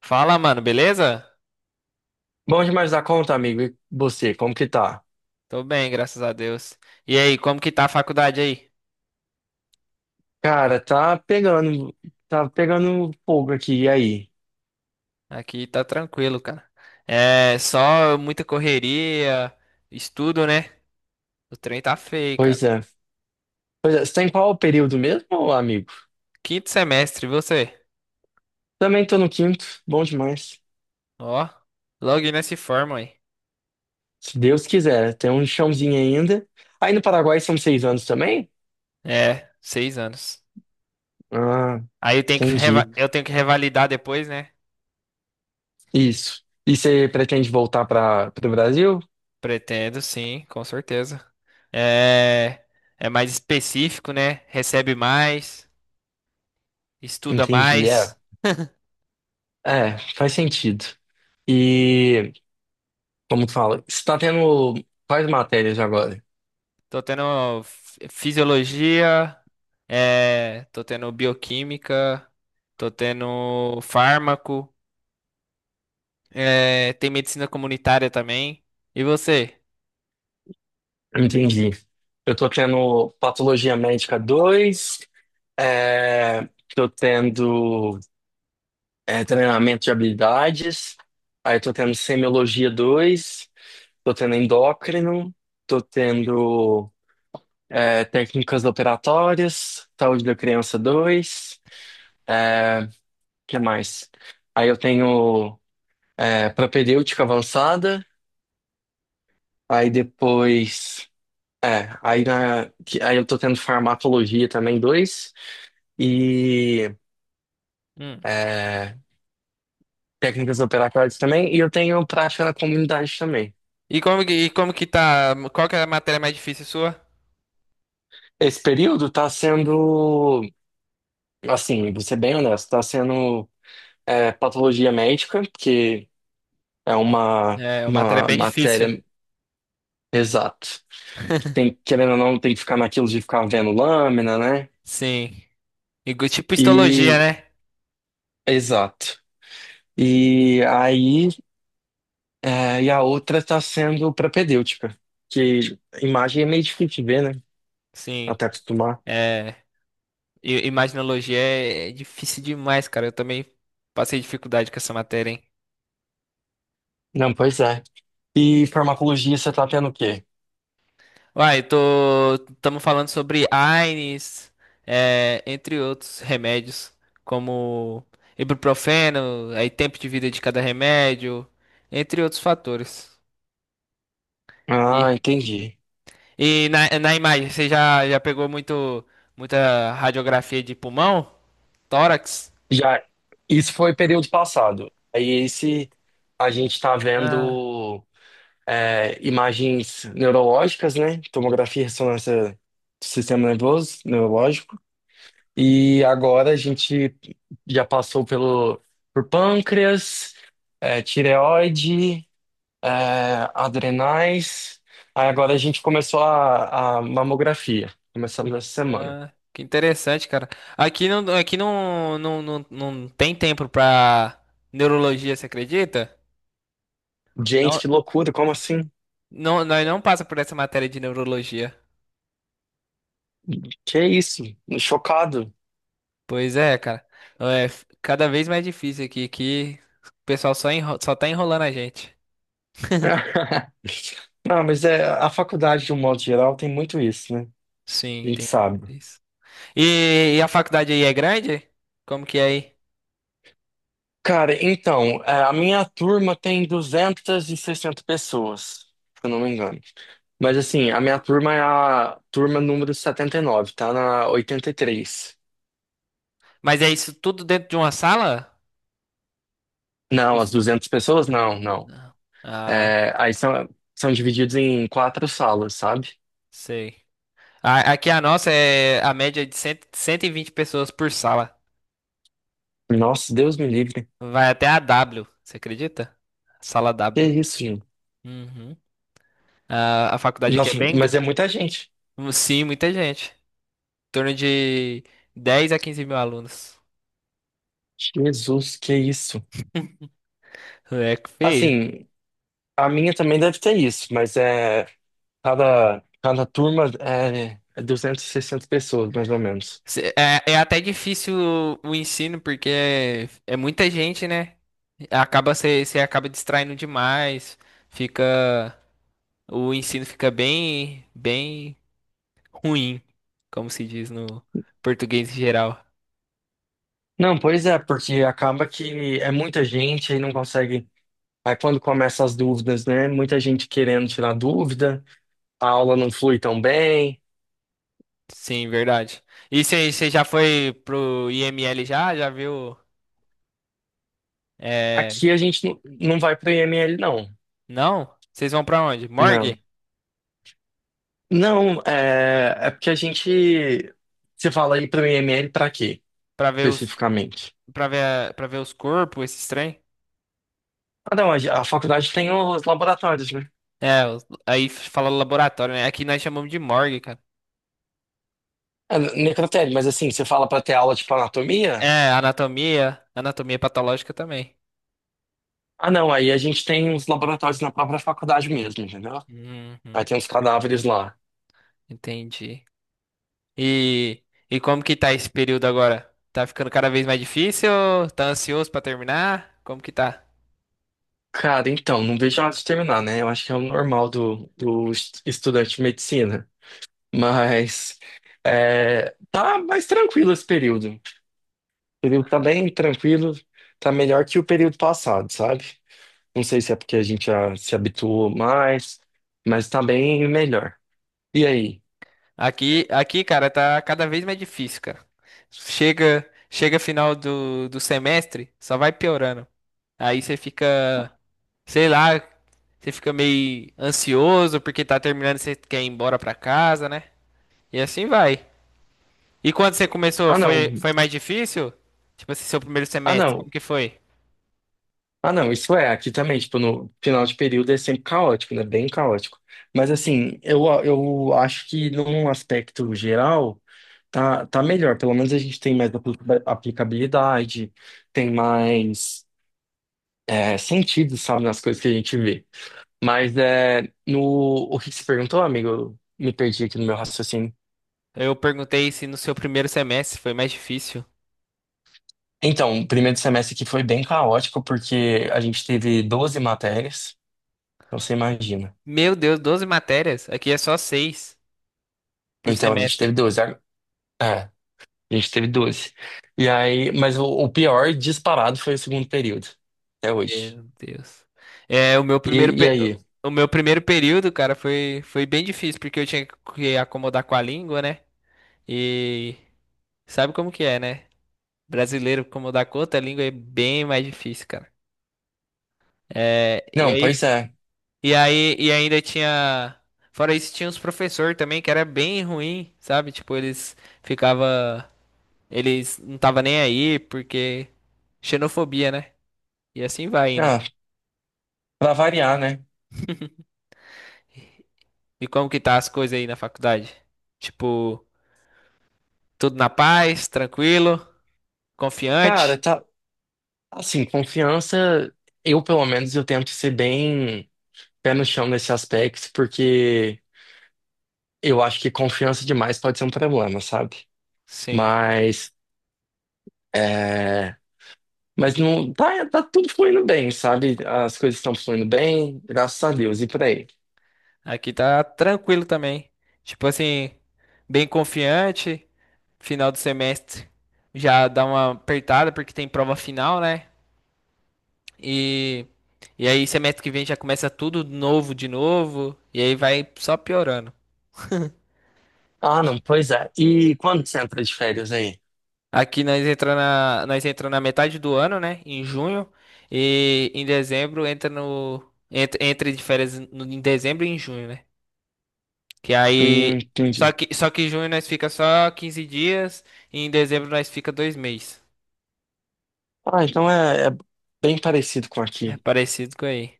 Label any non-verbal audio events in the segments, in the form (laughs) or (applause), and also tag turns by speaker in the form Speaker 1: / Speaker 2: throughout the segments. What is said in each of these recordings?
Speaker 1: Fala, mano, beleza?
Speaker 2: Bom demais da conta, amigo. E você, como que tá?
Speaker 1: Tô bem, graças a Deus. E aí, como que tá a faculdade aí?
Speaker 2: Cara, tá pegando fogo aqui, e aí?
Speaker 1: Aqui tá tranquilo, cara. É só muita correria, estudo, né? O trem tá feio, cara.
Speaker 2: Pois é. Pois é, você tá em qual período mesmo, amigo?
Speaker 1: Quinto semestre, você?
Speaker 2: Também tô no quinto, bom demais.
Speaker 1: Ó, logo nesse forma aí.
Speaker 2: Se Deus quiser, né? Tem um chãozinho ainda. Aí no Paraguai são 6 anos também?
Speaker 1: É, 6 anos.
Speaker 2: Ah,
Speaker 1: Aí eu tenho
Speaker 2: entendi.
Speaker 1: eu tenho que revalidar depois, né?
Speaker 2: Isso. E você pretende voltar para o Brasil?
Speaker 1: Pretendo, sim, com certeza. É, é mais específico, né? Recebe mais, estuda
Speaker 2: Entendi, é.
Speaker 1: mais.
Speaker 2: É, faz sentido. E, como que fala, você tá tendo quais matérias agora?
Speaker 1: Tô tendo fisiologia, é, tô tendo bioquímica, tô tendo fármaco, é, tem medicina comunitária também. E você?
Speaker 2: Entendi. Eu tô tendo patologia médica 2, é, tô tendo treinamento de habilidades, aí tô tendo semiologia 2, tô tendo endócrino, tô tendo técnicas operatórias, saúde da criança 2. é, que mais? Aí eu tenho propedêutica avançada, aí depois. É, aí, aí eu tô tendo farmacologia também, dois, e
Speaker 1: Hum.
Speaker 2: é, técnicas operatórias também, e eu tenho prática na comunidade também.
Speaker 1: E como que tá? Qual que é a matéria mais difícil sua?
Speaker 2: Esse período tá sendo, assim, vou ser bem honesto, tá sendo patologia médica, que é uma,
Speaker 1: É, uma matéria
Speaker 2: uma
Speaker 1: bem difícil.
Speaker 2: matéria, exato. Tem, querendo ou não, tem que ficar naquilo de ficar vendo lâmina, né?
Speaker 1: Sim. E tipo histologia,
Speaker 2: E,
Speaker 1: né?
Speaker 2: exato. E aí e a outra está sendo propedêutica, que imagem é meio difícil de ver, né?
Speaker 1: Sim.
Speaker 2: Até acostumar.
Speaker 1: É, imaginologia é difícil demais, cara. Eu também passei dificuldade com essa matéria, hein?
Speaker 2: Não, pois é. E farmacologia você tá tendo o quê?
Speaker 1: Uai, estamos falando sobre AINEs, é, entre outros remédios, como ibuprofeno, aí tempo de vida de cada remédio, entre outros fatores.
Speaker 2: Ah,
Speaker 1: E,
Speaker 2: entendi.
Speaker 1: e na imagem, você já pegou muita radiografia de pulmão? Tórax?
Speaker 2: Já, isso foi período passado. Aí esse a gente tá
Speaker 1: Ah,
Speaker 2: vendo imagens neurológicas, né? Tomografia, e ressonância do sistema nervoso, neurológico. E agora a gente já passou pelo por pâncreas, Tireoide. é, adrenais. Aí agora a gente começou a mamografia. Começamos essa semana.
Speaker 1: ah, que interessante, cara. Aqui não, não, não, não tem tempo pra neurologia, você acredita?
Speaker 2: Gente,
Speaker 1: Não,
Speaker 2: que loucura, como assim?
Speaker 1: não, nós não passa por essa matéria de neurologia.
Speaker 2: Que isso? Chocado.
Speaker 1: Pois é, cara. É cada vez mais difícil aqui, que o pessoal só tá enrolando a gente.
Speaker 2: (laughs) Não, mas é, a faculdade, de um modo geral, tem muito isso, né?
Speaker 1: Sim,
Speaker 2: A gente
Speaker 1: tem
Speaker 2: sabe.
Speaker 1: isso. E a faculdade aí é grande? Como que é aí?
Speaker 2: Cara, então, a minha turma tem 260 pessoas, se eu não me engano. Mas assim, a minha turma é a turma número 79, tá na 83.
Speaker 1: Mas é isso tudo dentro de uma sala?
Speaker 2: Não, as
Speaker 1: Os-
Speaker 2: 200 pessoas? Não, não.
Speaker 1: Não. Ah,
Speaker 2: É, aí são divididos em quatro salas, sabe?
Speaker 1: sei. Aqui a nossa é a média de cem 120 pessoas por sala.
Speaker 2: Nossa, Deus me livre.
Speaker 1: Vai até a W, você acredita? Sala
Speaker 2: Que
Speaker 1: W.
Speaker 2: isso, gente?
Speaker 1: Uhum. A faculdade aqui é
Speaker 2: Nossa,
Speaker 1: bem.
Speaker 2: mas é muita gente.
Speaker 1: Sim, muita gente. Em torno de 10 a 15 mil alunos.
Speaker 2: Jesus, que isso.
Speaker 1: É que feio.
Speaker 2: Assim, a minha também deve ter isso, mas é cada turma é 260 pessoas, mais ou menos.
Speaker 1: É até difícil o ensino, porque é muita gente, né? Acaba você acaba distraindo demais. Fica o ensino fica bem bem ruim, como se diz no português em geral.
Speaker 2: Não, pois é, porque acaba que é muita gente e não consegue. Aí quando começa as dúvidas, né? Muita gente querendo tirar dúvida, a aula não flui tão bem.
Speaker 1: Sim, verdade. E você já foi pro IML já? Já viu? É,
Speaker 2: Aqui a gente não vai para o IML, não.
Speaker 1: não? Vocês vão pra onde? Morgue?
Speaker 2: Não. Não, é porque a gente. Você fala aí para o IML para quê,
Speaker 1: Pra ver os
Speaker 2: especificamente?
Speaker 1: para ver os corpos, esses trem?
Speaker 2: Ah, não, a faculdade tem os laboratórios, né?
Speaker 1: É, aí fala laboratório, né? Aqui nós chamamos de morgue, cara.
Speaker 2: É, necrotério, mas assim, você fala para ter aula tipo anatomia?
Speaker 1: É, anatomia patológica também.
Speaker 2: Ah, não, aí a gente tem os laboratórios na própria faculdade mesmo, entendeu? Aí
Speaker 1: Uhum,
Speaker 2: tem os cadáveres lá.
Speaker 1: entendi. E, e como que tá esse período agora? Tá ficando cada vez mais difícil? Tá ansioso pra terminar? Como que tá?
Speaker 2: Cara, então, não vejo a hora de terminar, né? Eu acho que é o normal do estudante de medicina. Mas tá mais tranquilo esse período. O período tá bem tranquilo, tá melhor que o período passado, sabe? Não sei se é porque a gente já se habituou mais, mas tá bem melhor. E aí?
Speaker 1: Aqui, cara, tá cada vez mais difícil, cara. Chega final do semestre, só vai piorando. Aí você fica, sei lá, você fica meio ansioso porque tá terminando e você quer ir embora pra casa, né? E assim vai. E quando você começou,
Speaker 2: Ah, não.
Speaker 1: foi mais difícil? Tipo assim, seu primeiro
Speaker 2: Ah,
Speaker 1: semestre,
Speaker 2: não.
Speaker 1: como que foi?
Speaker 2: Ah, não. Isso é, aqui também, tipo, no final de período é sempre caótico, né? Bem caótico. Mas assim, eu acho que num aspecto geral, tá melhor. Pelo menos a gente tem mais aplicabilidade, tem mais, sentido, sabe, nas coisas que a gente vê. Mas é, no, o que que você perguntou, amigo? Eu me perdi aqui no meu raciocínio.
Speaker 1: Eu perguntei se no seu primeiro semestre foi mais difícil.
Speaker 2: Então, o primeiro semestre aqui foi bem caótico, porque a gente teve 12 matérias, então você imagina.
Speaker 1: Meu Deus, 12 matérias. Aqui é só 6 por
Speaker 2: Então, a gente teve
Speaker 1: semestre.
Speaker 2: É, a doze. E aí, mas o pior disparado foi o segundo período, até hoje.
Speaker 1: Meu Deus. É,
Speaker 2: E aí?
Speaker 1: o meu primeiro período, cara, foi bem difícil, porque eu tinha que acomodar com a língua, né? E sabe como que é, né? Brasileiro, como dá conta, a língua é bem mais difícil, cara. É, e
Speaker 2: Não,
Speaker 1: aí,
Speaker 2: pois é.
Speaker 1: e aí, e ainda tinha, fora isso, tinha uns professores também que era bem ruim, sabe? Tipo, ficava, eles não tava nem aí porque xenofobia, né? E assim vai indo.
Speaker 2: Ah, pra variar, né?
Speaker 1: E como que tá as coisas aí na faculdade? Tipo, tudo na paz, tranquilo,
Speaker 2: Cara,
Speaker 1: confiante?
Speaker 2: tá. Assim, confiança, eu pelo menos eu tento ser bem pé no chão nesse aspecto, porque. Eu acho que confiança demais pode ser um problema, sabe?
Speaker 1: Sim.
Speaker 2: Mas, é... Mas não tá tudo fluindo bem, sabe? As coisas estão fluindo bem, graças a Deus, e por aí.
Speaker 1: Aqui tá tranquilo também. Tipo assim, bem confiante. Final do semestre já dá uma apertada porque tem prova final, né? E, e aí semestre que vem já começa tudo novo de novo. E aí vai só piorando.
Speaker 2: Ah, não, pois é. E quando você entra de férias aí?
Speaker 1: Aqui nós entra na metade do ano, né? Em junho. E em dezembro entra no. Entra de férias em dezembro e em junho, né? Que aí. Só
Speaker 2: Entendi.
Speaker 1: que, só que em junho nós fica só 15 dias e em dezembro nós fica 2 meses.
Speaker 2: Ah, então é bem parecido com
Speaker 1: É
Speaker 2: aqui.
Speaker 1: parecido com aí.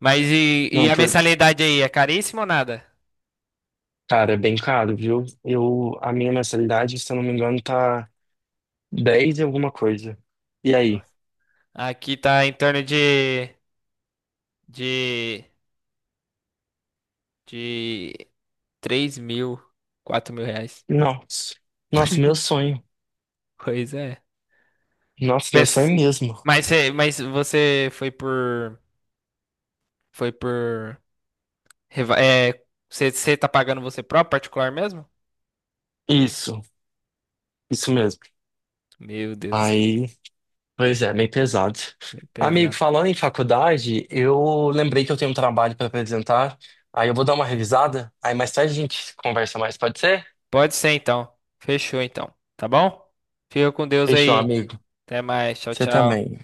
Speaker 1: Mas e
Speaker 2: Não,
Speaker 1: a mensalidade aí? É caríssima ou nada?
Speaker 2: cara, é bem caro, viu? A minha mensalidade, se eu não me engano, tá 10 e alguma coisa. E aí?
Speaker 1: Nossa. Aqui tá em torno de, de 3.000, R$ 4.000.
Speaker 2: Nossa, nossa, meu sonho.
Speaker 1: Pois é.
Speaker 2: Nossa, meu sonho
Speaker 1: Pensa,
Speaker 2: mesmo.
Speaker 1: mas, mas você foi por. Foi por. Você tá pagando você próprio, particular mesmo?
Speaker 2: Isso. Isso mesmo.
Speaker 1: Meu Deus do céu,
Speaker 2: Aí, pois é, meio pesado.
Speaker 1: é
Speaker 2: Amigo,
Speaker 1: pesado.
Speaker 2: falando em faculdade, eu lembrei que eu tenho um trabalho para apresentar. Aí eu vou dar uma revisada. Aí mais tarde a gente conversa mais, pode ser?
Speaker 1: Pode ser então. Fechou então. Tá bom? Fica com Deus
Speaker 2: Fechou,
Speaker 1: aí.
Speaker 2: amigo.
Speaker 1: Até mais. Tchau,
Speaker 2: Você
Speaker 1: tchau.
Speaker 2: também.